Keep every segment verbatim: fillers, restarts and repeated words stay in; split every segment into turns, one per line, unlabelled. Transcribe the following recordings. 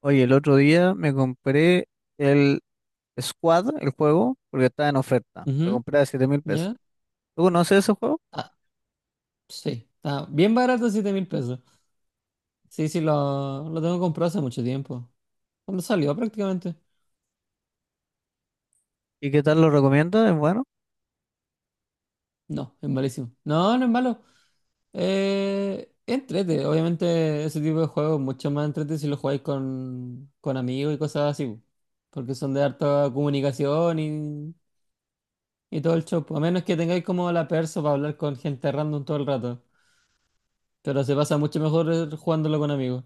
Oye, el otro día me compré el Squad, el juego, porque estaba en oferta. Lo
Ujú.
compré a siete mil pesos.
¿Ya?
¿Tú conoces ese juego?
Ah, sí, está bien barato, siete mil pesos. Sí, sí, lo, lo tengo comprado hace mucho tiempo. Cuando salió prácticamente.
¿Y qué tal lo recomiendas? Es bueno.
No, es malísimo. No, no es malo. Eh, es entrete. Obviamente ese tipo de juegos es mucho más entrete si lo jugáis con, con amigos y cosas así, po. Porque son de harta comunicación y, y todo el show, po. A menos que tengáis como la perso para hablar con gente random todo el rato. Pero se pasa mucho mejor eh, jugándolo con amigos.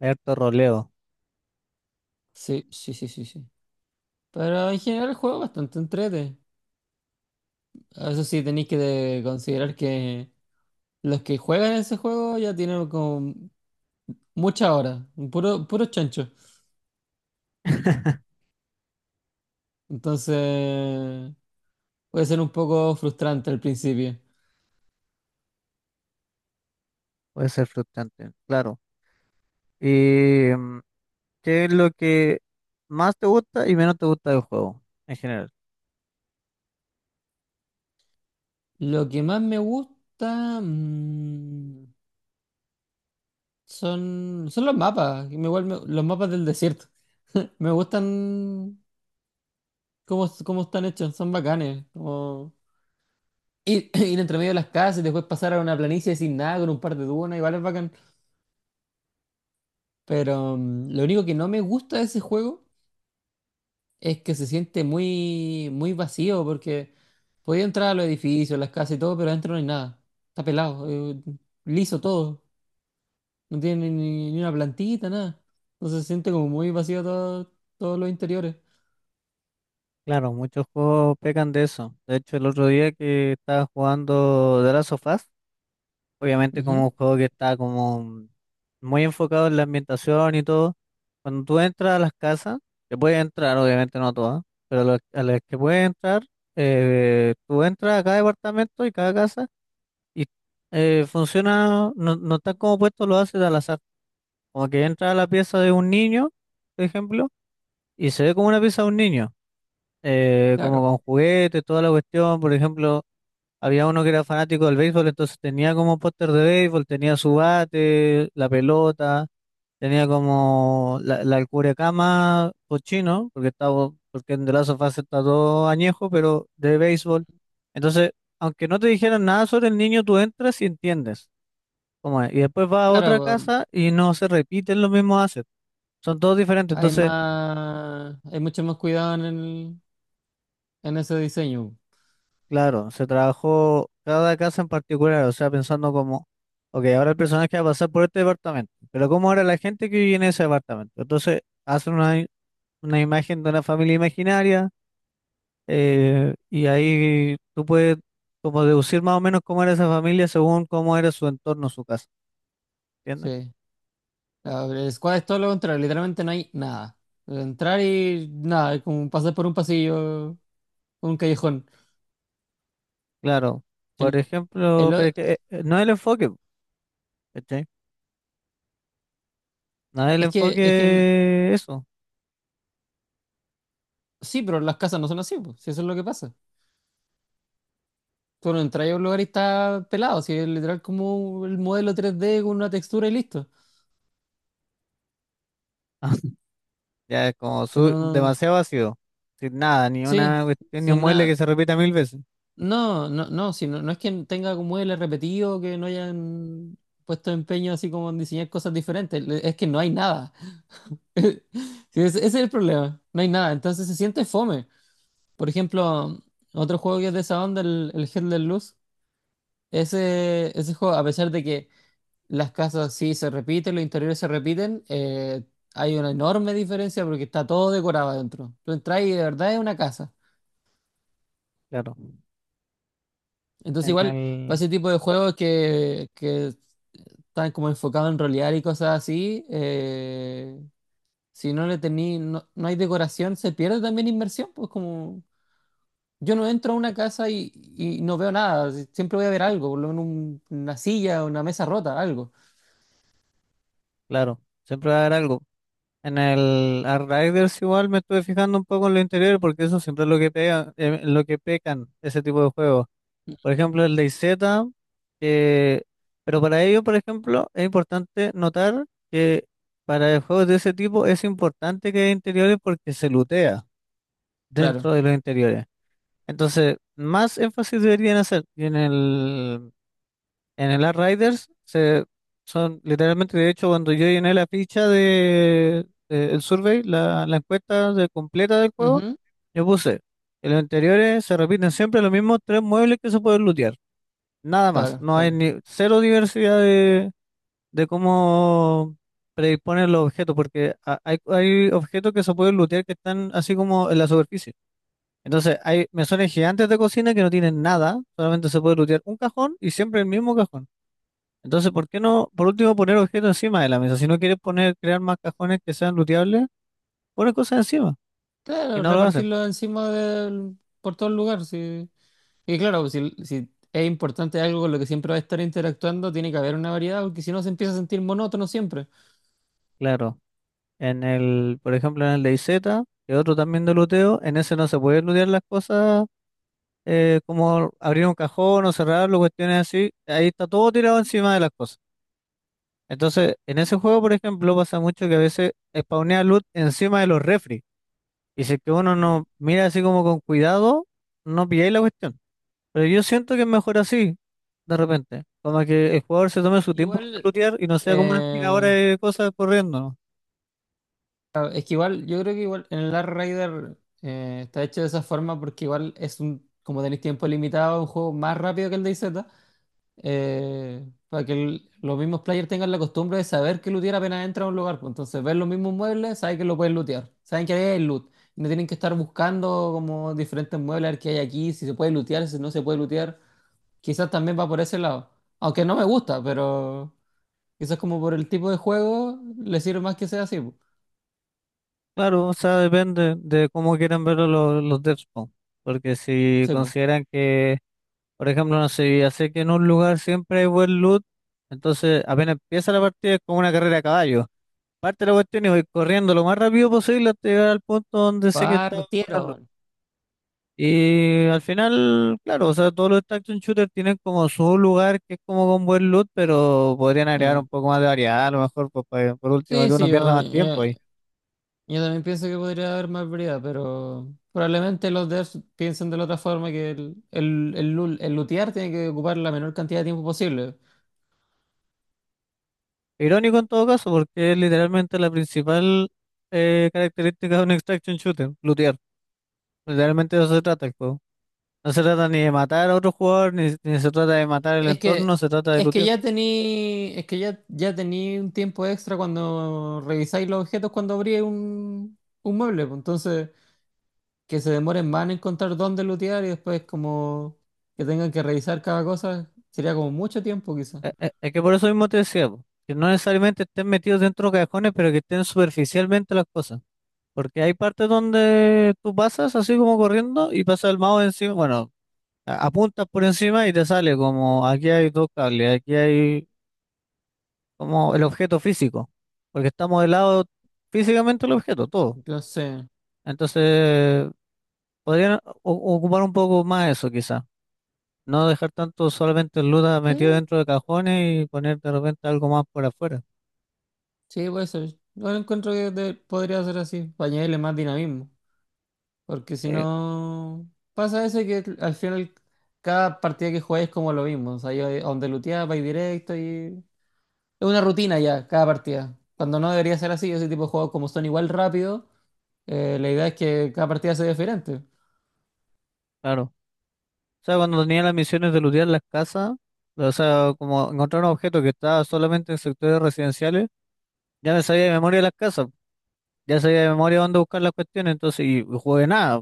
Hay harto roleo.
Sí, sí, sí, sí, sí. Pero en general el juego es bastante entrete. Eso sí, tenéis que de- considerar que los que juegan ese juego ya tienen como muchas horas, puro, puro chancho. Entonces puede ser un poco frustrante al principio.
Puede ser frustrante, claro. ¿Y mm, qué es lo que más te gusta y menos te gusta del juego en general?
Lo que más me gusta, mm, son, son los mapas, me- igual me- los mapas del desierto. Me gustan cómo, cómo están hechos, son bacanes. Ir, ir entre medio de las casas y después pasar a una planicie sin nada con un par de dunas, igual es bacán. Pero mm, lo único que no me gusta de ese juego es que se siente muy, muy vacío porque podía entrar a los edificios, las casas y todo, pero adentro no hay nada. Está pelado, eh, liso todo. No tiene ni, ni una plantita, nada. Entonces se siente como muy vacío todo, todos los interiores.
Claro, muchos juegos pecan de eso. De hecho, el otro día que estaba jugando The Last of Us, obviamente como
Ujú.
un juego que está como muy enfocado en la ambientación y todo, cuando tú entras a las casas, que puedes entrar, obviamente no a todas, pero lo- a las que puedes entrar, eh, tú entras a cada departamento y cada casa y eh, funciona, no, no está como puesto, lo haces al azar. Como que entra a la pieza de un niño, por ejemplo, y se ve como una pieza de un niño, eh, como
Claro,
con juguetes, toda la cuestión, por ejemplo. Había uno que era fanático del béisbol, entonces tenía como póster de béisbol, tenía su bate, la pelota, tenía como la, la cama cochino, porque estaba, porque en The Last of Us está todo añejo, pero de béisbol. Entonces, aunque no te dijeran nada sobre el niño, tú entras y entiendes cómo es. Y después vas a
claro,
otra
pues,
casa y no se repiten los mismos assets, son todos diferentes.
hay
Entonces,
más, hay mucho más cuidado en el, en ese diseño.
Claro, se trabajó cada casa en particular, o sea, pensando como, ok, ahora el personaje va a pasar por este departamento, pero ¿cómo era la gente que vivía en ese departamento? Entonces, hacen una, i- una imagen de una familia imaginaria eh, y ahí tú puedes como deducir más o menos cómo era esa familia según cómo era su entorno, su casa, ¿entiendes?
Sí. A ver, el squad es todo lo contrario, literalmente no hay nada. Entrar y nada, es como pasar por un pasillo, un callejón.
Claro,
El,
por ejemplo,
el
pero
o-
es que, eh, eh, no es el enfoque, ¿cachai? No es el
es que, es que en-
enfoque eso.
sí, pero las casas no son así, pues, si eso es lo que pasa. Tú no entras a un lugar y está pelado, si es literal como el modelo tres D con una textura y listo.
Ya es como
Si
su-
no, no-
demasiado vacío, sin nada, ni
sí,
una cuestión, ni un
sin
mueble que
nada.
se repita mil veces.
No, no, no, si no, no es que tenga como el repetido, que no hayan puesto empeño así como en diseñar cosas diferentes, le- es que no hay nada. Sí, ese ese es el problema. No hay nada. Entonces se siente fome. Por ejemplo, otro juego que es de esa onda, el, el Hell Let Loose, ese, ese juego, a pesar de que las casas sí se repiten, los interiores se repiten, eh, hay una enorme diferencia porque está todo decorado adentro. Tú entras y de verdad es una casa.
Claro,
Entonces
en
igual, para
el,
ese tipo de juegos que, que están como enfocados en rolear y cosas así, eh, si no le tení, no, no hay decoración, se pierde también inmersión, pues como... Yo no entro a una casa y, y no veo nada. si- Siempre voy a ver algo, por lo menos un- una silla, una mesa rota, algo.
claro, siempre va a haber algo. En el Outriders igual me estuve fijando un poco en lo interior porque eso siempre es lo que pega, eh, lo que pecan ese tipo de juegos. Por ejemplo, el DayZ, que- pero para ello, por ejemplo, es importante notar que para juegos de ese tipo es importante que haya interiores porque se lootea
Claro.
dentro de los interiores. Entonces, más énfasis deberían hacer. Y en el, en el Riders se, son literalmente, de hecho, cuando yo llené la ficha de, de el survey, la, la encuesta de- completa del juego,
Ujú.
yo puse, en los interiores se repiten siempre los mismos tres muebles que se pueden lootear. Nada más.
Claro,
No
sí.
hay ni cero diversidad de, de cómo predisponer los objetos, porque ha- hay, hay objetos que se pueden lootear que están así como en la superficie. Entonces, hay mesones gigantes de cocina que no tienen nada, solamente se puede lootear un cajón y siempre el mismo cajón. Entonces, ¿por qué no, por último, poner objetos encima de la mesa? Si no quieres poner, crear más cajones que sean looteables, pones cosas encima y
Claro,
no lo hacen.
repartirlo encima del, por todo el lugar, sí. Y claro, si, si es importante algo con lo que siempre va a estar interactuando, tiene que haber una variedad, porque si no se empieza a sentir monótono siempre.
Claro, en el, por ejemplo, en el de I Z, que es otro también de looteo, en ese no se puede lootear las cosas eh, como abrir un cajón o cerrarlo, cuestiones así. Ahí está todo tirado encima de las cosas. Entonces, en ese juego, por ejemplo, pasa mucho que a veces spawnea loot encima de los refri. Y si es que uno
Ya.
no mira así como con cuidado, no pilláis la cuestión. Pero yo siento que es mejor así, de repente. Como que el jugador se tome su tiempo para
Igual,
lootear y no sea como una aspiradora
eh,
de cosas corriendo, ¿no?
claro, es que igual, yo creo que igual en el Last Rider eh, está hecho de esa forma porque igual es un, como tenéis tiempo limitado, un juego más rápido que el DayZ. eh, para que el- los mismos players tengan la costumbre de saber que lootear apenas entra a un lugar, pues. Entonces, ven los mismos muebles, saben que lo pueden lootear, saben que ahí hay loot. Y no tienen que estar buscando como diferentes muebles, a ver qué hay aquí, si se puede lootear, si no se puede lootear. Quizás también va por ese lado. Aunque no me gusta, pero quizás como por el tipo de juego, le sirve más que sea así, pues.
Claro, o sea, depende de cómo quieran verlo los, los devs, po. Porque si
Sí, pues.
consideran que, por ejemplo, no sé, ya sé que en un lugar siempre hay buen loot, entonces apenas empieza la partida es como una carrera a caballo. Parte la cuestión y voy corriendo lo más rápido posible hasta llegar al punto donde sé que está bueno
Partieron.
Y al final, claro, o sea, todos los action shooters tienen como su lugar que es como con buen loot, pero podrían agregar
Eh,
un poco más de variedad, a lo mejor, pues, pa- que, por último,
sí,
que uno
sí,
pierda más tiempo
eh,
ahí.
yo también pienso que podría haber más variedad, pero probablemente los devs piensen de la otra forma, que el, el, el, lu- el lootear tiene que ocupar la menor cantidad de tiempo posible.
Irónico en todo caso, porque es literalmente la principal eh, característica de un extraction shooter, lootear. Literalmente de eso se trata el juego. No se trata ni de matar a otro jugador, ni, ni se trata de matar el
Es
entorno,
que,
se trata de
es que
lootear.
ya tení, es que ya, ya tení un tiempo extra cuando revisáis los objetos cuando abrí un, un mueble, pues. Entonces, que se demoren más en encontrar dónde lootear y después como que tengan que revisar cada cosa, sería como mucho tiempo quizás.
Eh, eh, Es, que por eso mismo te decía, po, que no necesariamente estén metidos dentro de cajones, pero que estén superficialmente las cosas. Porque hay partes donde tú pasas así como corriendo y pasa el mouse encima, bueno, a- apuntas por encima y te sale como aquí hay dos cables, aquí hay como el objeto físico, porque está modelado físicamente el objeto, todo.
Entonces,
Entonces, podrían o- ocupar un poco más eso quizá, no dejar tanto solamente el luda
sí.
metido dentro de cajones y poner de repente algo más por afuera.
Sí, puede ser. Yo encuentro que de- podría ser así, para añadirle más dinamismo. Porque si
Sí,
no, pasa eso, que al final cada partida que juegues es como lo mismo. O sea, yo, a donde luteas, vais directo y... Es una rutina ya, cada partida. Cuando no debería ser así, ese tipo de juegos como son igual rápido, eh, la idea es que cada partida sea diferente.
claro. O sea, cuando tenía las misiones de lootear las casas, o sea, como encontrar un objeto que estaba solamente en sectores residenciales, ya me sabía de memoria las casas, ya sabía de memoria dónde buscar las cuestiones, entonces, y, y jugué nada.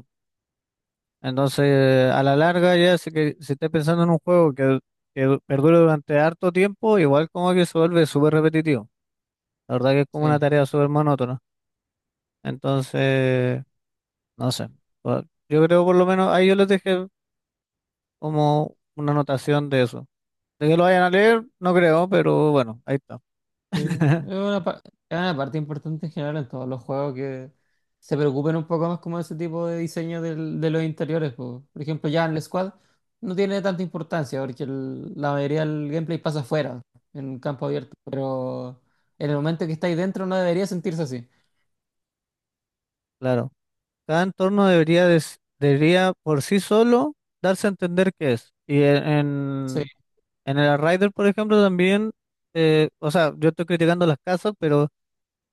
Entonces, a la larga, ya si, que, si estás pensando en un juego que, que du- perdure durante harto tiempo, igual como que se vuelve súper repetitivo. La verdad que es como una
Sí.
tarea súper monótona. Entonces, no sé. Por- Yo creo por lo menos, ahí yo les dejé como una anotación de eso. De que lo vayan a leer, no creo, pero bueno, ahí está.
Sí, es una, pa- es una parte importante en general en todos los juegos que se preocupen un poco más como ese tipo de diseño del- de los interiores, po. Por ejemplo, ya en el Squad no tiene tanta importancia porque el- la mayoría del gameplay pasa afuera, en un campo abierto. Pero en el momento que está ahí dentro no debería sentirse así.
Claro. Cada entorno debería, des- debería por sí solo darse a entender qué es. Y en,
Sí,
en, en el Rider, por ejemplo, también, eh, o sea, yo estoy criticando las casas, pero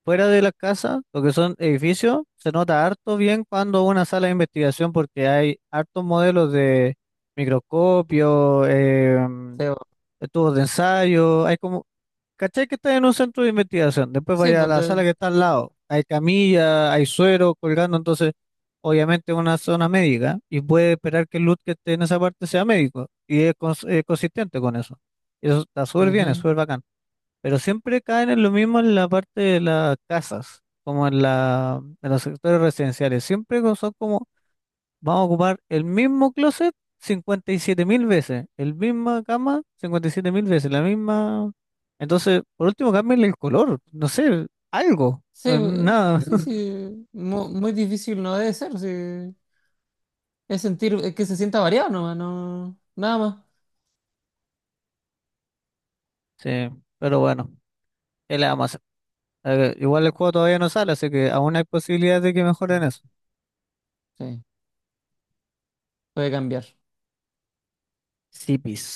fuera de las casas, lo que son edificios, se nota harto bien cuando una sala de investigación, porque hay hartos modelos de microscopio, eh,
feo.
tubos de ensayo, hay como ¿Cachai que está en un centro de investigación? Después
Sí,
vaya a
pues,
la sala
de-
que está al lado. Hay camilla, hay suero colgando, entonces obviamente es una zona médica y puede esperar que el loot que esté en esa parte sea médico y es cons- eh, consistente con eso. Y eso está súper bien, es
ujú.
súper bacán. Pero siempre caen en lo mismo en la parte de las casas, como en la, en los sectores residenciales. Siempre co- son como. Vamos a ocupar el mismo closet cincuenta y siete mil veces, el misma cama cincuenta y siete mil veces, la misma... Entonces, por último, cámbiale el color, no sé, algo,
Sí,
eh,
eh,
nada.
sí, sí. Mu- Muy difícil no debe ser, sí. Es sentir, es que se sienta variado nomás, no, nada más.
Sí, pero bueno, ¿qué le vamos a hacer? Eh, igual el juego todavía no sale, así que aún hay posibilidades de que mejoren
Mm,
eso.
sí, puede cambiar.
Sí, pis.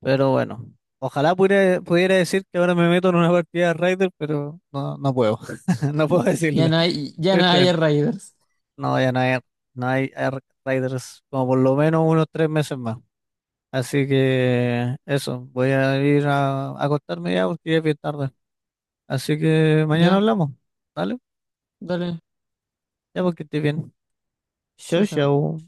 Pero bueno, ojalá pudiera, pudiera decir que ahora me meto en una partida de Raider, pero no, no puedo, no puedo
Ya
decirlo,
no hay, ya no hay
tristemente.
Raiders.
No, ya no hay, no hay, Ark Riders como por lo menos unos tres meses más. Así que eso, voy a ir a, a acostarme ya porque ya es bien tarde. Así que mañana
Ya,
hablamos, ¿vale?
dale,
Ya porque estoy bien.
yo,
Chau,
yo.
chau.